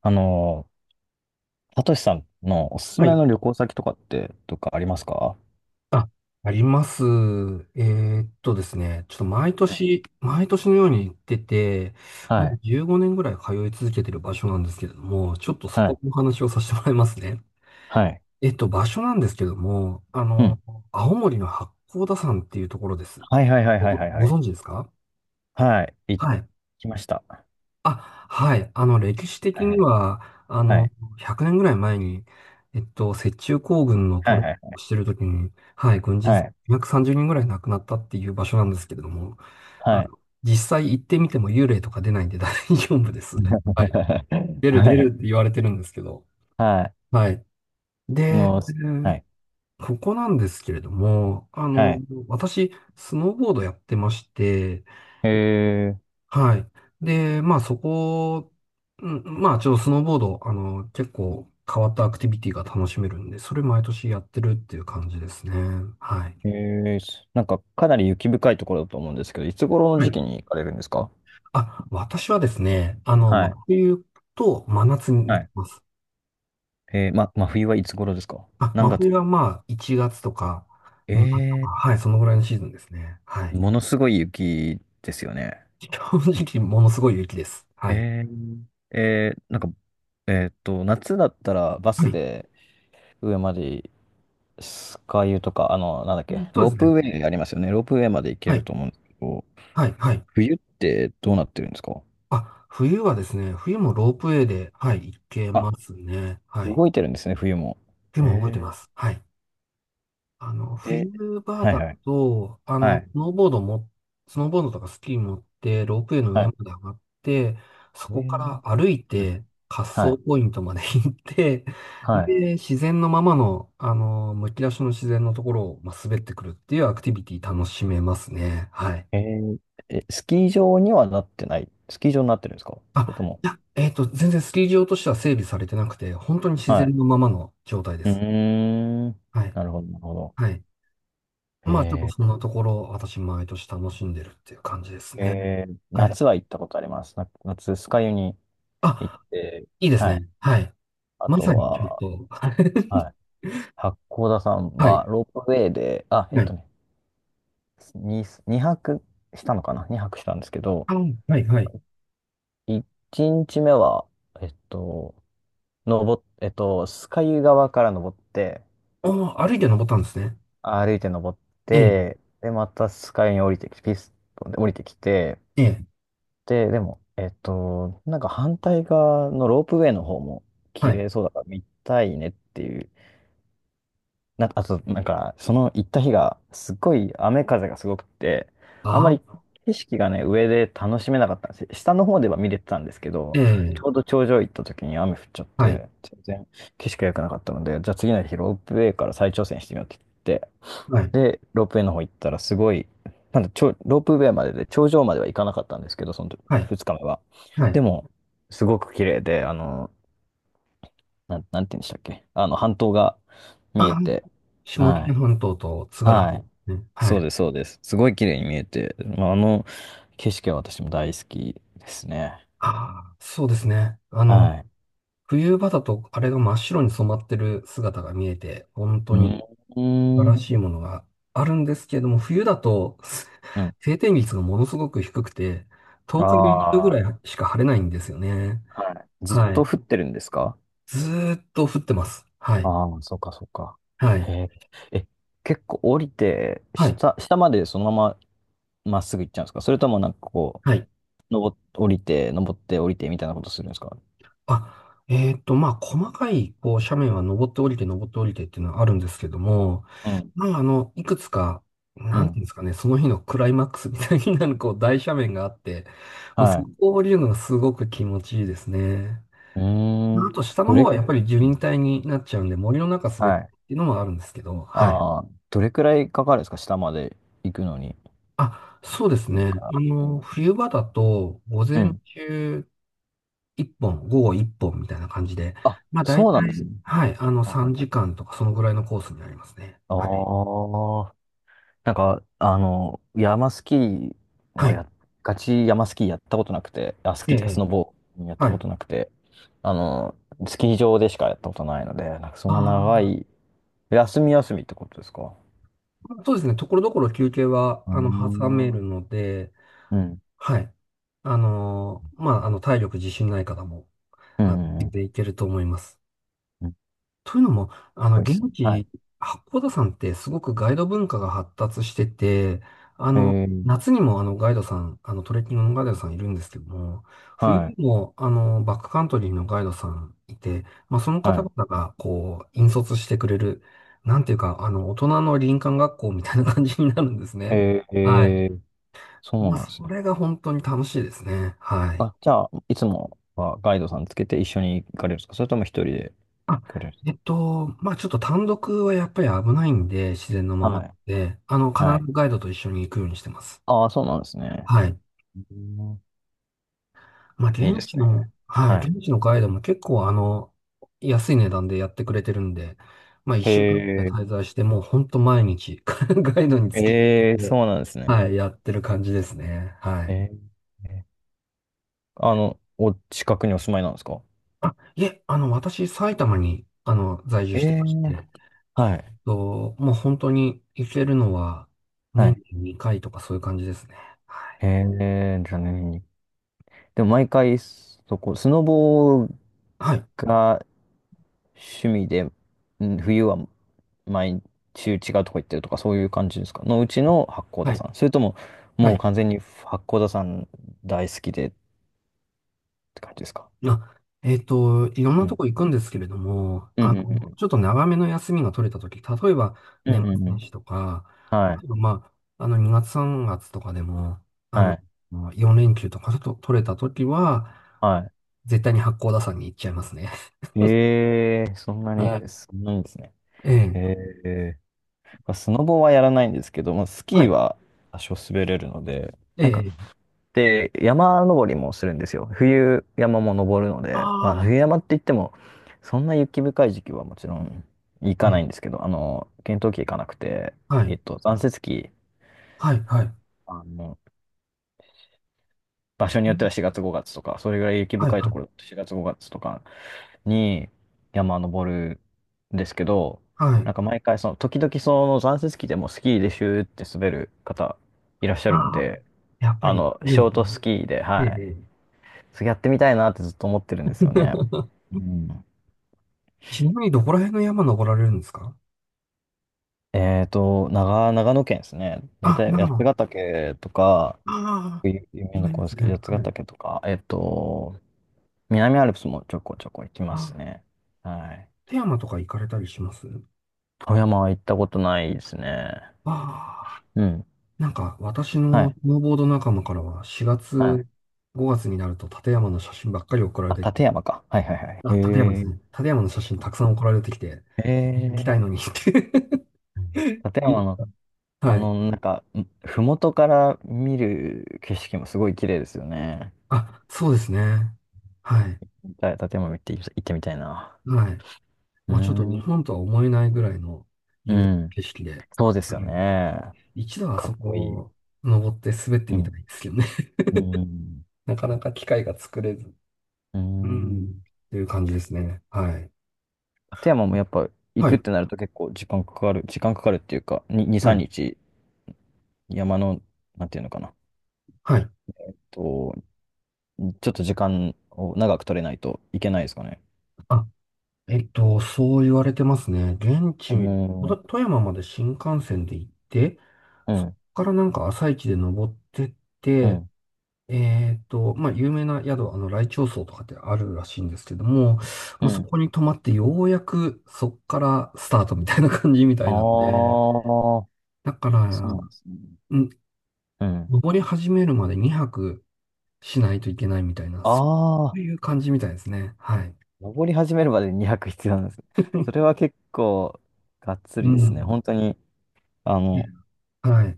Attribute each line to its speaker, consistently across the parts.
Speaker 1: あの、サトシさんのおすす
Speaker 2: は
Speaker 1: め
Speaker 2: い。
Speaker 1: の旅行先とかって、とかありますか？
Speaker 2: あ、あります。ですね、ちょっと毎年のように行ってて、も
Speaker 1: は
Speaker 2: う
Speaker 1: い、
Speaker 2: 15年ぐらい通い続けてる場所なんですけれども、ちょっとそ
Speaker 1: は
Speaker 2: こ
Speaker 1: い、
Speaker 2: のお話をさせてもらいますね。
Speaker 1: はい。
Speaker 2: 場所なんですけども、
Speaker 1: うん。
Speaker 2: 青森の八甲田山っていうところです。
Speaker 1: はいはいはい
Speaker 2: ご、
Speaker 1: はいはいは
Speaker 2: ご
Speaker 1: い。
Speaker 2: 存知ですか？
Speaker 1: はい、行
Speaker 2: はい。
Speaker 1: きました。は
Speaker 2: あ、はい。歴史
Speaker 1: い
Speaker 2: 的
Speaker 1: は
Speaker 2: に
Speaker 1: い、
Speaker 2: は、あ
Speaker 1: は
Speaker 2: の、
Speaker 1: い、
Speaker 2: 100年ぐらい前に、雪中行軍の
Speaker 1: は
Speaker 2: ト
Speaker 1: い、
Speaker 2: レーニ
Speaker 1: は
Speaker 2: ングを
Speaker 1: い、
Speaker 2: してるときに、はい、軍人
Speaker 1: はい、
Speaker 2: 230人ぐらい亡くなったっていう場所なんですけれども、
Speaker 1: はい。
Speaker 2: 実際行ってみても幽霊とか出ないんで大丈夫です。はい。出る
Speaker 1: は
Speaker 2: 出る
Speaker 1: い、
Speaker 2: って言われてるんですけど、
Speaker 1: はい。
Speaker 2: はい。
Speaker 1: あ
Speaker 2: で、
Speaker 1: の、はい、
Speaker 2: ここなんですけれども、
Speaker 1: はい。
Speaker 2: 私、スノーボードやってまして、
Speaker 1: へえ
Speaker 2: はい。で、まあそこ、うんまあちょっとスノーボード、結構変わったアクティビティが楽しめるんで、それ毎年やってるっていう感じですね。はい。
Speaker 1: ー、へえー、なんかかなり雪深いところだと思うんですけど、いつ頃の
Speaker 2: は
Speaker 1: 時
Speaker 2: い。
Speaker 1: 期に行かれるんですか？
Speaker 2: あ、私はですね、
Speaker 1: は
Speaker 2: 真
Speaker 1: い、
Speaker 2: 冬と真夏に
Speaker 1: は
Speaker 2: 行き
Speaker 1: い。
Speaker 2: ます。
Speaker 1: ま、真冬はいつ頃ですか？
Speaker 2: あ、
Speaker 1: 何
Speaker 2: 真冬
Speaker 1: 月？
Speaker 2: はまあ1月とか2月とか、
Speaker 1: え
Speaker 2: はい、そのぐらいのシーズンですね。はい。
Speaker 1: ものすごい雪ですよね。
Speaker 2: 正直ものすごい雪です。はい。
Speaker 1: えー、えー、なんか、夏だったらバ
Speaker 2: は
Speaker 1: ス
Speaker 2: い。
Speaker 1: で上までスカイユとか、あの、なんだっけ、
Speaker 2: そう
Speaker 1: ロ
Speaker 2: で
Speaker 1: ー
Speaker 2: す
Speaker 1: プ
Speaker 2: ね。
Speaker 1: ウェイありますよね。ロープウェイまで行け
Speaker 2: は
Speaker 1: る
Speaker 2: い。
Speaker 1: と思うんですけど、
Speaker 2: はい。はい。
Speaker 1: 冬ってどうなってるんですか？
Speaker 2: あ、冬はですね、冬もロープウェイで、はい、行けま
Speaker 1: あ、
Speaker 2: すね。はい。
Speaker 1: 動いてるんですね、冬も。
Speaker 2: でも動いて
Speaker 1: へえ。
Speaker 2: ます。はい。
Speaker 1: で、
Speaker 2: 冬場
Speaker 1: は
Speaker 2: だ
Speaker 1: いはい。
Speaker 2: と、
Speaker 1: はい。
Speaker 2: スノーボードとかスキー持って、ロープウェイの
Speaker 1: は
Speaker 2: 上ま
Speaker 1: い。
Speaker 2: で上がって、そ
Speaker 1: えー、
Speaker 2: こから歩い
Speaker 1: うん、
Speaker 2: て、滑
Speaker 1: はい。
Speaker 2: 走ポイントまで行って、
Speaker 1: はい。
Speaker 2: で、自然のままの、むき出しの自然のところを、まあ、滑ってくるっていうアクティビティ楽しめますね。はい。
Speaker 1: えー、え、スキー場にはなってない。スキー場になってるんですかそれ
Speaker 2: あ、
Speaker 1: とも。
Speaker 2: いや、全然スキー場としては整備されてなくて、本当に自
Speaker 1: はい。
Speaker 2: 然のままの状態で
Speaker 1: うー
Speaker 2: す。
Speaker 1: ん。
Speaker 2: はい。
Speaker 1: なるほど、なるほど。
Speaker 2: はい。
Speaker 1: へ
Speaker 2: まあ、ちょっと
Speaker 1: え。
Speaker 2: そんなところを私、毎年楽しんでるっていう感じですね。
Speaker 1: えー、
Speaker 2: はい。
Speaker 1: 夏は行ったことあります。な夏、酸ヶ湯に行っ
Speaker 2: あ、
Speaker 1: て、
Speaker 2: いいです
Speaker 1: はい。
Speaker 2: ね。はい。
Speaker 1: あ
Speaker 2: ま
Speaker 1: と
Speaker 2: さにちょっ
Speaker 1: は、
Speaker 2: と、
Speaker 1: はい。八甲田山
Speaker 2: はい。
Speaker 1: はロープウェイで、あ、えっ
Speaker 2: は
Speaker 1: と
Speaker 2: い。
Speaker 1: ね、2、二泊したのかな？ 2 泊したんですけど、
Speaker 2: あ、はい、はい。
Speaker 1: 1日目は、えっと、登っ、酸ヶ湯側から登って、
Speaker 2: ああ、歩いて登ったんですね。
Speaker 1: 歩いて登っ
Speaker 2: ええ、
Speaker 1: て、で、また酸ヶ湯に降りてきて、ピストンで降りてきて、
Speaker 2: ええ、
Speaker 1: で、でも、えっと、なんか反対側のロープウェイの方も
Speaker 2: は
Speaker 1: 綺
Speaker 2: い。
Speaker 1: 麗そうだから見たいねっていう。な、あと、なんか、その行った日が、すっごい雨風がすごくて、あん
Speaker 2: あ
Speaker 1: まり
Speaker 2: あ、
Speaker 1: 景色がね、上で楽しめなかったんですよ。下の方では見れてたんですけ
Speaker 2: え
Speaker 1: ど、
Speaker 2: え、
Speaker 1: ちょうど頂上行った時に雨降っちゃっ
Speaker 2: はい、
Speaker 1: て、全然景色が良くなかったので、じゃあ次の日ロープウェイから再挑戦してみようって言って、
Speaker 2: はい、
Speaker 1: で、ロープウェイの方行ったら、すごい、なんだ、ちょ、ロープウェイまでで、頂上までは行かなかったんですけど、その
Speaker 2: はい、
Speaker 1: 2日目は。
Speaker 2: は
Speaker 1: で
Speaker 2: い。
Speaker 1: も、すごく綺麗で、あの、なん、なんて言うんでしたっけあの、半島が
Speaker 2: あ
Speaker 1: 見え
Speaker 2: あ、
Speaker 1: て、
Speaker 2: 下
Speaker 1: は
Speaker 2: 北
Speaker 1: い。
Speaker 2: 半島と津軽半
Speaker 1: は
Speaker 2: 島で
Speaker 1: い。
Speaker 2: すね。は
Speaker 1: そう
Speaker 2: い。
Speaker 1: です、そうです。すごい綺麗に見えて、まあ、あの景色は私も大好きですね。
Speaker 2: ああ、そうですね。
Speaker 1: は
Speaker 2: 冬場だとあれが真っ白に染まってる姿が見えて、本当
Speaker 1: い。
Speaker 2: に
Speaker 1: う
Speaker 2: 素晴
Speaker 1: ん。
Speaker 2: らしいものがあるんですけれども、冬だと
Speaker 1: うん。
Speaker 2: 晴天率がものすごく低くて、10日に一度ぐ
Speaker 1: あ
Speaker 2: ら
Speaker 1: あ
Speaker 2: いしか晴れないんですよね。
Speaker 1: ー、はい。ずっ
Speaker 2: は
Speaker 1: と
Speaker 2: い。
Speaker 1: 降ってるんですか？
Speaker 2: ずーっと降ってます。はい。
Speaker 1: ああ、そっかそっか。
Speaker 2: はい。
Speaker 1: へえ。え、結構降りて、
Speaker 2: はい。
Speaker 1: 下、下までそのまままっすぐ行っちゃうんですかそれともなんかこう、
Speaker 2: はい。
Speaker 1: 登っ、降りて、登って降りてみたいなことするんですか？
Speaker 2: あ、まあ、細かい、こう、斜面は登って降りて、登って降りてっていうのはあるんですけども、
Speaker 1: うん。
Speaker 2: まあ、いくつか、
Speaker 1: う
Speaker 2: なんていう
Speaker 1: ん。
Speaker 2: んですかね、その日のクライマックスみたいになる、こう、大斜面があって、まあ、そ
Speaker 1: は
Speaker 2: こを降りるのがすごく気持ちいいですね。
Speaker 1: い。うー
Speaker 2: ま
Speaker 1: ん。
Speaker 2: あと、下の
Speaker 1: ど
Speaker 2: 方
Speaker 1: れ、
Speaker 2: はやっぱり樹
Speaker 1: う
Speaker 2: 林
Speaker 1: ん、
Speaker 2: 帯になっちゃうんで、森の中滑るっ
Speaker 1: はい。
Speaker 2: ていうのもあるんですけど、はい。
Speaker 1: ああ、どれくらいかかるんですか下まで行くのに。
Speaker 2: あ、そうです
Speaker 1: それ
Speaker 2: ね。
Speaker 1: から、うん。
Speaker 2: 冬場だと、午
Speaker 1: う
Speaker 2: 前
Speaker 1: ん。
Speaker 2: 中一本、午後一本みたいな感じで、
Speaker 1: あ、
Speaker 2: まあ大
Speaker 1: そ
Speaker 2: 体、
Speaker 1: うなんですね。
Speaker 2: はい、
Speaker 1: はいは
Speaker 2: 3
Speaker 1: いはい。
Speaker 2: 時間とかそのぐらいのコースになりますね。
Speaker 1: あ
Speaker 2: はい。
Speaker 1: あ。なんか、あの、山スキー
Speaker 2: は
Speaker 1: は
Speaker 2: い。
Speaker 1: や、ガチ山スキーやったことなくて、あ、ス
Speaker 2: え
Speaker 1: キーっていうかス
Speaker 2: え、
Speaker 1: ノボーやった
Speaker 2: は
Speaker 1: こ
Speaker 2: い。
Speaker 1: となくて、あの、スキー場でしかやったことないので、なんかそんな長
Speaker 2: あ
Speaker 1: い、休み休みってことですか？
Speaker 2: あ、そうですね。ところどころ休憩は、
Speaker 1: うー
Speaker 2: 挟める
Speaker 1: ん。
Speaker 2: ので、
Speaker 1: うん。
Speaker 2: はい。まあ、体力自信ない方も、
Speaker 1: うんうんう
Speaker 2: 全
Speaker 1: ん。
Speaker 2: 然いけると思います。
Speaker 1: うん、す
Speaker 2: というのも、
Speaker 1: ごいっす
Speaker 2: 現
Speaker 1: ね。はい。
Speaker 2: 地、八甲田山ってすごくガイド文化が発達してて、あ
Speaker 1: え
Speaker 2: の、
Speaker 1: ー、
Speaker 2: 夏にもあのガイドさん、あのトレッキングのガイドさんいるんですけども、冬
Speaker 1: は
Speaker 2: に
Speaker 1: い。
Speaker 2: もあのバックカントリーのガイドさんいて、まあ、その方
Speaker 1: は
Speaker 2: 々がこう、引率してくれる、なんていうか、大人の林間学校みたいな感じになるんです
Speaker 1: い。
Speaker 2: ね。
Speaker 1: えー、
Speaker 2: はい。
Speaker 1: えー、そう
Speaker 2: まあ、
Speaker 1: なんです
Speaker 2: そ
Speaker 1: ね。
Speaker 2: れが本当に楽しいですね。はい。
Speaker 1: あ、じゃあ、いつもはガイドさんつけて一緒に行かれるんですかそれとも一人で
Speaker 2: あ、
Speaker 1: 行かれるんです
Speaker 2: まあちょっと単独はやっぱり危ないんで、自然のま
Speaker 1: か？
Speaker 2: ま
Speaker 1: はい。
Speaker 2: で、必
Speaker 1: はい。
Speaker 2: ずガイドと一緒に行くようにしてます。
Speaker 1: ああ、そうなんですね。
Speaker 2: はい。
Speaker 1: うん、
Speaker 2: まあ
Speaker 1: いいで
Speaker 2: 現
Speaker 1: す
Speaker 2: 地
Speaker 1: ね。
Speaker 2: の、はい、
Speaker 1: はい。
Speaker 2: 現地のガイドも結構安い値段でやってくれてるんで、まあ一
Speaker 1: へ
Speaker 2: 週間くらい
Speaker 1: え、
Speaker 2: 滞在して、もうほんと毎日 ガイドにつき、
Speaker 1: ええ、そう
Speaker 2: で、
Speaker 1: なんですね。
Speaker 2: はい、やってる感じですね。はい。
Speaker 1: ええ、あの、お近くにお住まいなんですか？
Speaker 2: あ、いえ、私、埼玉に、在住
Speaker 1: え
Speaker 2: して
Speaker 1: え、
Speaker 2: まして、
Speaker 1: はい。
Speaker 2: と、もう本当に行けるのは
Speaker 1: は
Speaker 2: 年
Speaker 1: い。
Speaker 2: に2回とかそういう感じですね。はい。
Speaker 1: へえ、じゃあ年に。でも毎回、そこ、スノボ
Speaker 2: はい。
Speaker 1: が趣味で、ん冬は毎週違うとこ行ってるとか、そういう感じですかのうちの八甲
Speaker 2: は
Speaker 1: 田
Speaker 2: い。
Speaker 1: 山。それとも、
Speaker 2: は
Speaker 1: もう
Speaker 2: い。
Speaker 1: 完全に八甲田山大好きでって感じですか？
Speaker 2: あ、いろん
Speaker 1: う
Speaker 2: なと
Speaker 1: ん。
Speaker 2: こ行くんですけれども、
Speaker 1: うんうんうん
Speaker 2: ちょっと長めの休みが取れたとき、例えば
Speaker 1: うん。う
Speaker 2: 年
Speaker 1: ん
Speaker 2: 末
Speaker 1: うんう
Speaker 2: 年
Speaker 1: ん。
Speaker 2: 始とか、
Speaker 1: は
Speaker 2: あ
Speaker 1: い。
Speaker 2: とまあ、2月3月とかでも、あ
Speaker 1: は
Speaker 2: の、
Speaker 1: い。
Speaker 2: 4連休とかちょっと取れたときは、
Speaker 1: は
Speaker 2: 絶対に八甲田山に行っちゃいますね。
Speaker 1: い。ええ、そんな に、
Speaker 2: はい。
Speaker 1: そんなにですね。
Speaker 2: ええ。
Speaker 1: ええ。まあスノボはやらないんですけど、まあ、ス
Speaker 2: は
Speaker 1: キー
Speaker 2: い。
Speaker 1: は多少滑れるので、なん
Speaker 2: え
Speaker 1: か、
Speaker 2: え。
Speaker 1: で、山登りもするんですよ。冬山も登るの
Speaker 2: あ
Speaker 1: で、まあ、冬
Speaker 2: あ。
Speaker 1: 山って言っても、そんな雪深い時期はもちろん行か
Speaker 2: え
Speaker 1: な
Speaker 2: え。
Speaker 1: いんですけど、あの、検討期行かなくて、
Speaker 2: は
Speaker 1: えっ
Speaker 2: い。
Speaker 1: と、残雪期、
Speaker 2: はい。はい。
Speaker 1: あの、場所によっては4月5月とか、それぐらい雪
Speaker 2: はい。
Speaker 1: 深い
Speaker 2: は
Speaker 1: ところ、
Speaker 2: い。
Speaker 1: 4月5月とかに山登るんですけど、
Speaker 2: は
Speaker 1: な
Speaker 2: い。
Speaker 1: んか毎回その、時々その残雪機でもスキーでシューって滑る方いらっしゃ
Speaker 2: あ
Speaker 1: るん
Speaker 2: あ、
Speaker 1: で、
Speaker 2: やっぱ
Speaker 1: あ
Speaker 2: り
Speaker 1: の、
Speaker 2: いる
Speaker 1: シ
Speaker 2: んで
Speaker 1: ョー
Speaker 2: す
Speaker 1: ト
Speaker 2: ね。
Speaker 1: スキーで、
Speaker 2: え
Speaker 1: はい。
Speaker 2: え。
Speaker 1: それやってみたいなってずっと思ってるんですよね。うん。
Speaker 2: ちなみにどこら辺の山登られるんですか？
Speaker 1: えっと、長、長野県ですね。大
Speaker 2: あ、
Speaker 1: 体
Speaker 2: 長
Speaker 1: 八
Speaker 2: 野。
Speaker 1: ヶ岳とか、
Speaker 2: ああ、
Speaker 1: 有有名
Speaker 2: 有
Speaker 1: なと
Speaker 2: 名
Speaker 1: こ
Speaker 2: で
Speaker 1: ろで
Speaker 2: す
Speaker 1: す
Speaker 2: ね。
Speaker 1: けど、八ヶ
Speaker 2: はい。
Speaker 1: 岳とか、えっと、南アルプスもちょこちょこ行きま
Speaker 2: あ、
Speaker 1: すね。はい。
Speaker 2: 富山とか行かれたりします？
Speaker 1: 富山は行ったことないですね。
Speaker 2: ああ、
Speaker 1: うん。
Speaker 2: なんか私
Speaker 1: は
Speaker 2: のス
Speaker 1: い。
Speaker 2: ノーボード仲間からは4
Speaker 1: は
Speaker 2: 月、
Speaker 1: い。
Speaker 2: 5月になると立山の写真ばっかり送られ
Speaker 1: あ、
Speaker 2: てきて、
Speaker 1: 立山か。はいはいはい。
Speaker 2: あ、立山で
Speaker 1: へ
Speaker 2: す
Speaker 1: え。
Speaker 2: ね。立山の写真たくさん送られてきて、
Speaker 1: へ
Speaker 2: 行き
Speaker 1: え。
Speaker 2: たいのにって
Speaker 1: 立
Speaker 2: 言っ
Speaker 1: 山の、
Speaker 2: た
Speaker 1: あ
Speaker 2: はい。
Speaker 1: の、なんか、ん麓から見る景色もすごい綺麗ですよね。
Speaker 2: あ、そうですね。はい。
Speaker 1: じゃ立山見て、行ってみたいな。
Speaker 2: はい。
Speaker 1: うー
Speaker 2: まあ、ちょっと日
Speaker 1: ん。
Speaker 2: 本とは思えないぐらいの
Speaker 1: う
Speaker 2: 雄大な
Speaker 1: ん。
Speaker 2: 景色で、
Speaker 1: そうです
Speaker 2: う
Speaker 1: よ
Speaker 2: ん
Speaker 1: ね。
Speaker 2: 一度はあ
Speaker 1: かっ
Speaker 2: そ
Speaker 1: こいい。
Speaker 2: こ登って滑って
Speaker 1: う
Speaker 2: み
Speaker 1: ん。
Speaker 2: たいですけどね。
Speaker 1: うん。
Speaker 2: なかなか機会が作れず、
Speaker 1: う
Speaker 2: うん、っ
Speaker 1: ん。
Speaker 2: ていう感じですね。はい。
Speaker 1: 立山もやっぱ行
Speaker 2: は
Speaker 1: くっ
Speaker 2: い。
Speaker 1: てなると結構時間かかる。時間かかるっていうか、に、2、
Speaker 2: は
Speaker 1: 3
Speaker 2: い。
Speaker 1: 日山の、なんていうのかな。
Speaker 2: はい。
Speaker 1: と、ちょっと時間を長く取れないといけないですかね。
Speaker 2: あ、そう言われてますね。現
Speaker 1: う
Speaker 2: 地、と
Speaker 1: ん。
Speaker 2: 富山まで新幹線で行って、
Speaker 1: う
Speaker 2: そこ
Speaker 1: ん、
Speaker 2: からなんか朝一で登ってっ
Speaker 1: う
Speaker 2: て、
Speaker 1: ん、
Speaker 2: まあ、有名な宿、来鳥荘とかってあるらしいんですけども、
Speaker 1: う
Speaker 2: まあ、そ
Speaker 1: ん。
Speaker 2: こに泊まってようやくそっからスタートみたいな感じみたいなんで、
Speaker 1: ああ、
Speaker 2: だか
Speaker 1: そうなんで
Speaker 2: ら、
Speaker 1: すね。
Speaker 2: ん、
Speaker 1: うん。
Speaker 2: 登り始めるまで2泊しないといけないみたいな、そう
Speaker 1: ああ、
Speaker 2: いう感じみたいですね。はい。
Speaker 1: 登り始めるまでに200必要なんですね。それは結構、がっつ
Speaker 2: う
Speaker 1: りですね。
Speaker 2: ん。
Speaker 1: 本当に、あ
Speaker 2: え
Speaker 1: の、
Speaker 2: はい。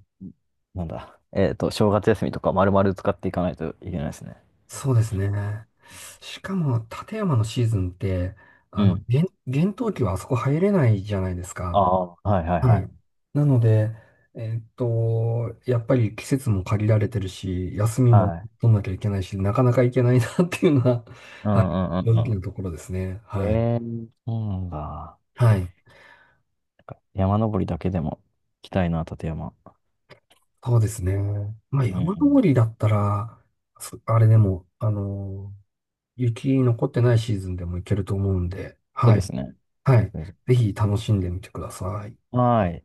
Speaker 1: なんだ、えっと、正月休みとか丸々使っていかないといけないですね。
Speaker 2: そうですね。しかも、立山のシーズンって、
Speaker 1: うん。
Speaker 2: 厳厳冬期はあそこ入れないじゃないです
Speaker 1: あ
Speaker 2: か。
Speaker 1: あ、はいはい
Speaker 2: は
Speaker 1: は
Speaker 2: い。
Speaker 1: い。
Speaker 2: なので、やっぱり季節も限られてるし、休みも
Speaker 1: はい。
Speaker 2: 取んなきゃいけないし、なかなか行けないなっていうのが
Speaker 1: うんうんう
Speaker 2: 正
Speaker 1: ん
Speaker 2: 直
Speaker 1: う
Speaker 2: なところですね。
Speaker 1: ん。え
Speaker 2: はい。
Speaker 1: え、そうなんだ。な
Speaker 2: はい。
Speaker 1: んか山登りだけでも行きたいな、立山。
Speaker 2: そうですね。まあ、
Speaker 1: う
Speaker 2: 山登
Speaker 1: ん。
Speaker 2: りだったら、あれでも、雪残ってないシーズンでも行けると思うんで、
Speaker 1: そう
Speaker 2: は
Speaker 1: で
Speaker 2: い。
Speaker 1: すね。
Speaker 2: はい。ぜひ楽しんでみてください。
Speaker 1: はい。